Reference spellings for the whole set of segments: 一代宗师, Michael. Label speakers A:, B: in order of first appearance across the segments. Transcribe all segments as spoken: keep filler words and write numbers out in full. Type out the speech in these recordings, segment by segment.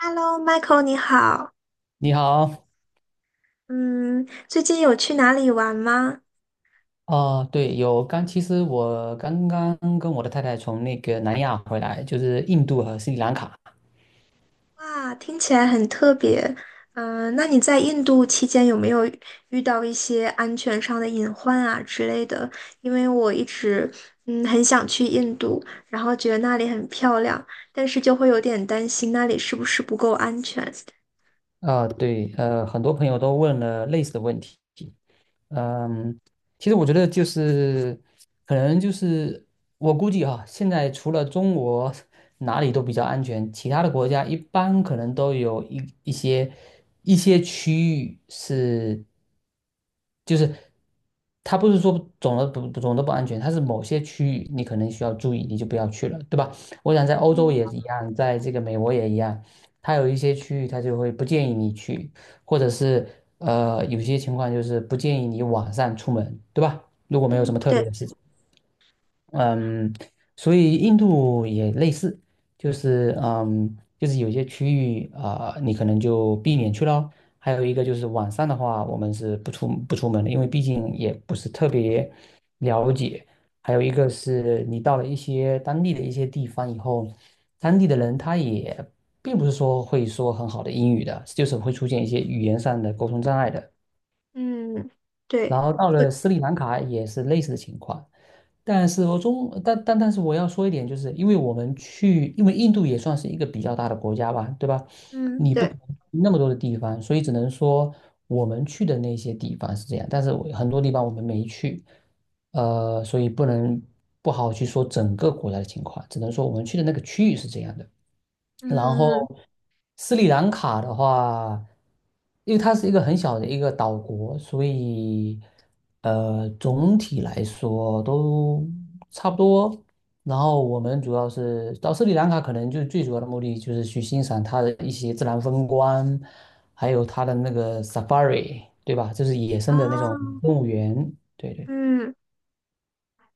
A: Hello，Michael，你好。
B: 你好。
A: 嗯，最近有去哪里玩吗？
B: 哦，对，有刚，其实我刚刚跟我的太太从那个南亚回来，就是印度和斯里兰卡。
A: 哇，听起来很特别。嗯、那你在印度期间有没有遇到一些安全上的隐患啊之类的？因为我一直嗯很想去印度，然后觉得那里很漂亮，但是就会有点担心那里是不是不够安全。
B: 呃，对，呃，很多朋友都问了类似的问题。嗯，其实我觉得就是，可能就是我估计哈，现在除了中国哪里都比较安全，其他的国家一般可能都有一一些一些区域是，就是它不是说总的不总的不安全，它是某些区域你可能需要注意，你就不要去了，对吧？我想在欧洲
A: 嗯
B: 也一样，在这个美国也一样，它有一些区域它就会不建议你去。或者是呃有些情况就是不建议你晚上出门，对吧？如果没有什
A: 嗯，
B: 么特
A: 对，
B: 别的事情。嗯，所以印度也类似，就是嗯，就是有些区域啊、你可能就避免去咯。还有一个就是晚上的话，我们是不出不出门的，因为毕竟也不是特别了解。还有一个是你到了一些当地的一些地方以后，当地的人他也并不是说会说很好的英语的，就是会出现一些语言上的沟通障碍的。
A: 嗯对，
B: 然后到
A: 对，
B: 了斯里兰卡也是类似的情况，但是我中但但但是我要说一点，就是因为我们去，因为印度也算是一个比较大的国家吧，对吧？
A: 嗯
B: 你不可
A: 对，
B: 能去那么多的地方，所以只能说我们去的那些地方是这样，但是我很多地方我们没去，呃，所以不能不好去说整个国家的情况，只能说我们去的那个区域是这样的。然
A: 嗯
B: 后斯里兰卡的话，因为它是一个很小的一个岛国，所以呃总体来说都差不多。然后我们主要是到斯里兰卡，可能就最主要的目的就是去欣赏它的一些自然风光，还有它的那个 safari,对吧？就是野生的那种
A: 啊，
B: 动物园。对对。
A: 嗯。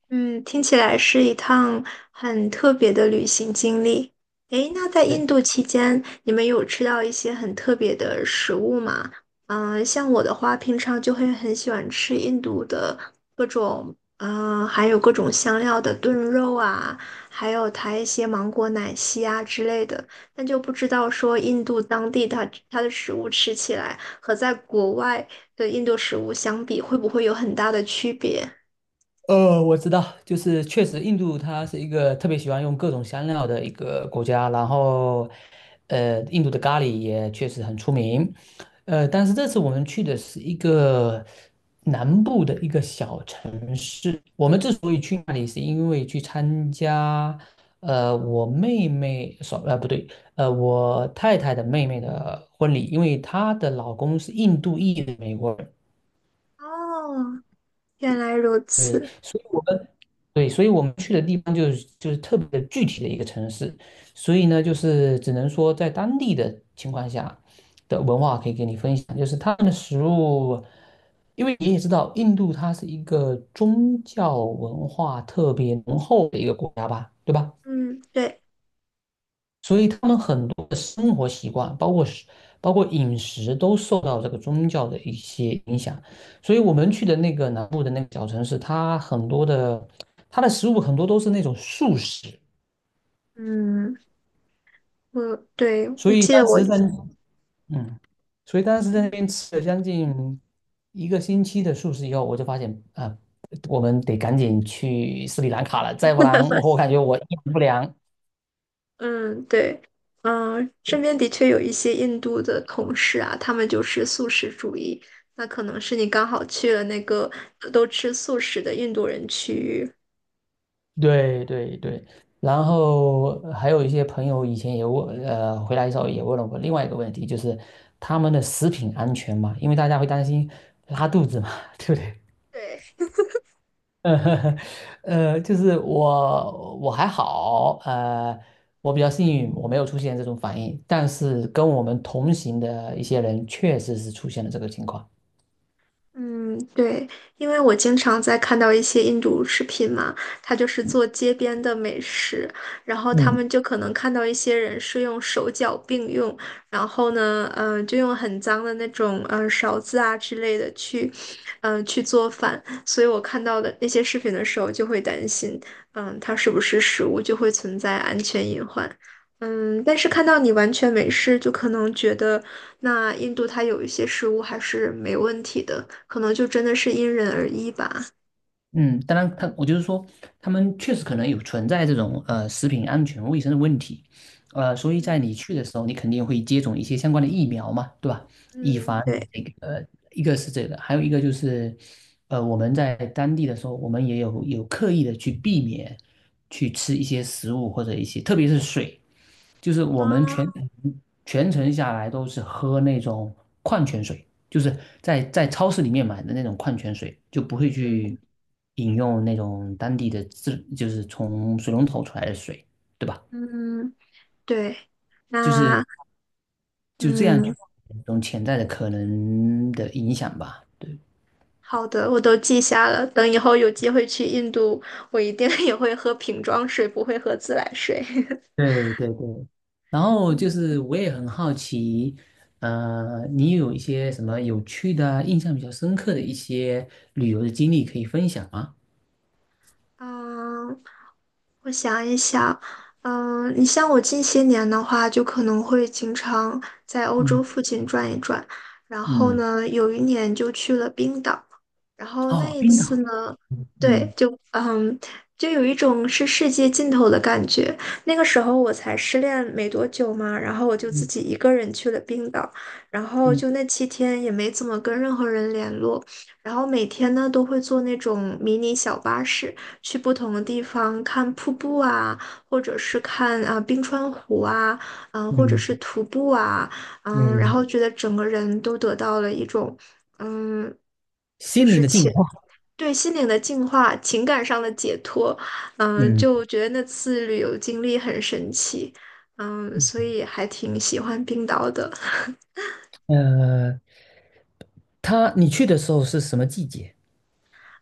A: 嗯，听起来是一趟很特别的旅行经历。诶，那在印度期间，你们有吃到一些很特别的食物吗？嗯、像我的话，平常就会很喜欢吃印度的各种，嗯、还有各种香料的炖肉啊，还有它一些芒果奶昔啊之类的。但就不知道说印度当地它它的食物吃起来和在国外的印度食物相比，会不会有很大的区别？
B: 呃，我知道，就是确实，印度它是一个特别喜欢用各种香料的一个国家，然后，呃，印度的咖喱也确实很出名，呃，但是这次我们去的是一个南部的一个小城市，我们之所以去那里，是因为去参加，呃，我妹妹，说，呃，不对，呃，我太太的妹妹的婚礼，因为她的老公是印度裔的美国人。
A: 哦，原来如此，
B: 所以我们。对，所以我们去的地方就是就是特别的具体的一个城市，所以呢，就是只能说在当地的情况下的文化可以给你分享，就是他们的食物，因为你也知道，印度它是一个宗教文化特别浓厚的一个国家吧，对吧？
A: 嗯，对，
B: 所以他们很多的生活习惯，包括食包括饮食，都受到这个宗教的一些影响。所以我们去的那个南部的那个小城市，它很多的它的食物很多都是那种素食，
A: 嗯，我对
B: 所
A: 我
B: 以
A: 记得
B: 当
A: 我，
B: 时在嗯，所以当时在那边吃了将近一个星期的素食以后，我就发现啊，我们得赶紧去斯里兰卡了，再不然我感觉我营养不良。
A: 嗯，对，嗯，身边的确有一些印度的同事啊，他们就是素食主义，那可能是你刚好去了那个都吃素食的印度人区域。
B: 对对对，然后还有一些朋友以前也问，呃，回来的时候也问了我另外一个问题，就是他们的食品安全嘛，因为大家会担心拉肚子嘛，对不对？
A: 对。
B: 呃，呃就是我我还好，呃，我比较幸运，我没有出现这种反应，但是跟我们同行的一些人确实是出现了这个情况。
A: 嗯，对，因为我经常在看到一些印度视频嘛，他就是做街边的美食，然后他
B: 嗯。
A: 们就可能看到一些人是用手脚并用，然后呢，嗯，就用很脏的那种呃勺子啊之类的去，嗯，去做饭，所以我看到的那些视频的时候就会担心，嗯，它是不是食物就会存在安全隐患。嗯，但是看到你完全没事，就可能觉得，那印度它有一些食物还是没问题的，可能就真的是因人而异吧。
B: 嗯，当然他，我就是说，他们确实可能有存在这种呃食品安全卫生的问题，呃，所以在你
A: 嗯
B: 去的时候，你肯定会接种一些相关的疫苗嘛，对吧？以
A: 嗯
B: 防你
A: 对，
B: 这个呃，一个是这个，还有一个就是，呃，我们在当地的时候，我们也有有刻意的去避免去吃一些食物或者一些，特别是水，就是我们全
A: 啊
B: 程全程下来都是喝那种矿泉水。就是在在超市里面买的那种矿泉水，就不会
A: 嗯
B: 去饮用那种当地的自，就是从水龙头出来的水，对吧？
A: 嗯对，
B: 就是
A: 那
B: 就这样
A: 嗯，
B: 去一种潜在的可能的影响吧。对。
A: 好的，我都记下了。等以后有机会去印度，我一定 也会喝瓶装水，不会喝自来水。
B: 对对对，然后就
A: 嗯，
B: 是我也很好奇，呃，你有一些什么有趣的啊、印象比较深刻的一些旅游的经历可以分享吗？
A: 啊我想一想，嗯，你像我近些年的话，就可能会经常在欧洲
B: 嗯
A: 附近转一转，然后
B: 嗯。
A: 呢，有一年就去了冰岛，然后那
B: 哦，
A: 一
B: 冰岛。
A: 次呢，
B: 嗯
A: 对，
B: 嗯
A: 就嗯，就有一种是世界尽头的感觉。那个时候我才失恋没多久嘛，然后我就自己一个人去了冰岛，然后
B: 嗯
A: 就那七天也没怎么跟任何人联络，然后每天呢都会坐那种迷你小巴士去不同的地方看瀑布啊，或者是看啊、冰川湖啊，嗯、或者是
B: 嗯
A: 徒步啊，嗯，然
B: 嗯。
A: 后觉得整个人都得到了一种。嗯，就
B: 心灵
A: 是
B: 的净
A: 情，
B: 化。
A: 对心灵的净化、情感上的解脱，嗯，
B: 嗯。
A: 就觉得那次旅游经历很神奇，嗯，所
B: 嗯，
A: 以还挺喜欢冰岛的。
B: 呃，他你去的时候是什么季节？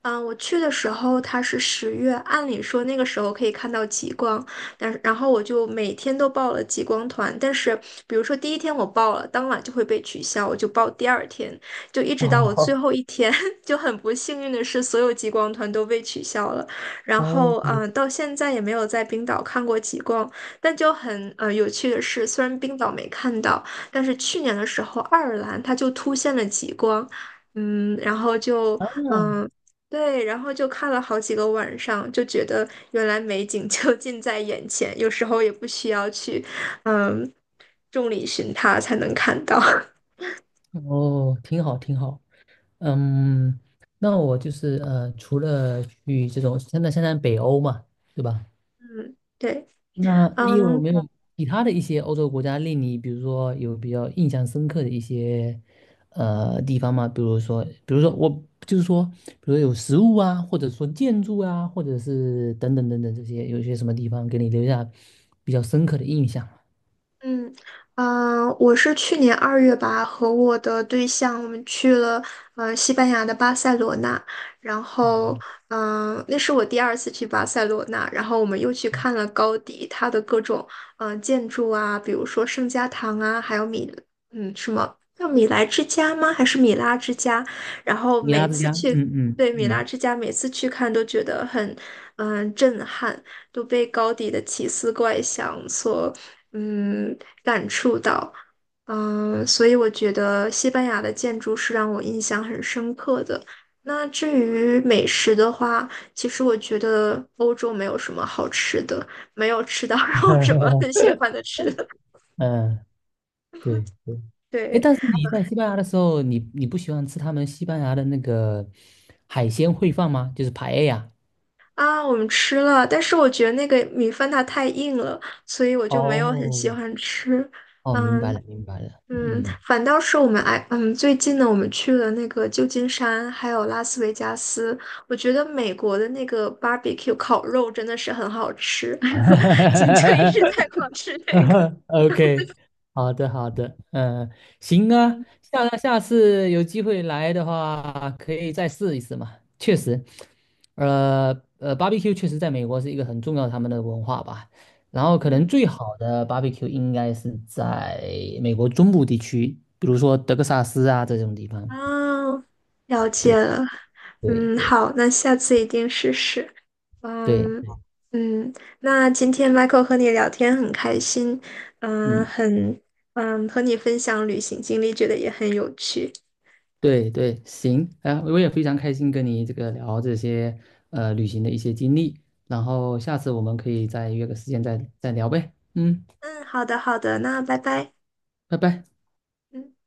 A: 嗯，我去的时候它是十月，按理说那个时候可以看到极光，但是然后我就每天都报了极光团，但是比如说第一天我报了，当晚就会被取消，我就报第二天，就一直到我最
B: 哦
A: 后一天，就很不幸运的是所有极光团都被取消了，然后
B: 哦。
A: 嗯，呃到现在也没有在冰岛看过极光，但就很呃有趣的是，虽然冰岛没看到，但是去年的时候爱尔兰它就突现了极光。嗯，然后就嗯，对，然后就看了好几个晚上，就觉得原来美景就 近在眼前，有时候也不需要去，嗯，众里寻他才能看到。
B: 哦，挺好，挺好。嗯，那我就是呃，除了去这种，现在现在北欧嘛，对吧？
A: 嗯，对，
B: 那你有
A: 嗯，
B: 没有其他的一些欧洲国家令你，比如说有比较印象深刻的一些呃地方吗？比如说，比如说我就是说，比如说有食物啊，或者说建筑啊，或者是等等等等这些，有一些什么地方给你留下比较深刻的印象吗？
A: 嗯嗯，呃我是去年二月吧，和我的对象我们去了呃西班牙的巴塞罗那，然后嗯、呃那是我第二次去巴塞罗那，然后我们又去看了高迪他的各种嗯、呃建筑啊，比如说圣家堂啊，还有米嗯什么叫米莱之家吗？还是米拉之家？然后
B: 米
A: 每
B: 拉之
A: 次
B: 家，
A: 去
B: 嗯嗯
A: 对米
B: 嗯
A: 拉之家，每次去看都觉得很嗯、呃震撼。都被高迪的奇思怪想所嗯感触到，嗯，所以我觉得西班牙的建筑是让我印象很深刻的。那至于美食的话，其实我觉得欧洲没有什么好吃的，没有吃到 让我什么很 喜欢的吃的。
B: 嗯，对对。哎，
A: 对
B: 但是你在西班牙的时候，你你不喜欢吃他们西班牙的那个海鲜烩饭吗？就是排 a e。
A: 啊，我们吃了，但是我觉得那个米饭它太硬了，所以我就没有很
B: 哦。
A: 喜欢吃。
B: 哦，明白
A: 嗯，
B: 了，明白了，
A: 嗯，
B: 嗯
A: 反倒是我们哎，嗯，最近呢，我们去了那个旧金山，还有拉斯维加斯。我觉得美国的那个 barbecue 烤肉真的是很好吃，今就一直在狂 吃那个。
B: ，OK,哈哈好的，好的，嗯、行啊，
A: 嗯
B: 下下次有机会来的话，可以再试一试嘛。确实，呃呃，barbecue 确实在美国是一个很重要他们的文化吧。然后可能
A: 嗯，
B: 最好的 barbecue 应该是在美国中部地区，比如说德克萨斯啊这种地方。
A: 哦，了解
B: 对
A: 了。
B: 对
A: 嗯，
B: 对
A: 好，那下次一定试试。
B: 对。
A: 嗯嗯，那今天 Michael 和你聊天很开心，嗯，
B: 嗯。
A: 很嗯，和你分享旅行经历，觉得也很有趣。
B: 对对，行，啊，我也非常开心跟你这个聊这些呃旅行的一些经历，然后下次我们可以再约个时间再再聊呗，嗯，
A: 嗯，好的，好的，那拜拜。
B: 拜拜。
A: 嗯。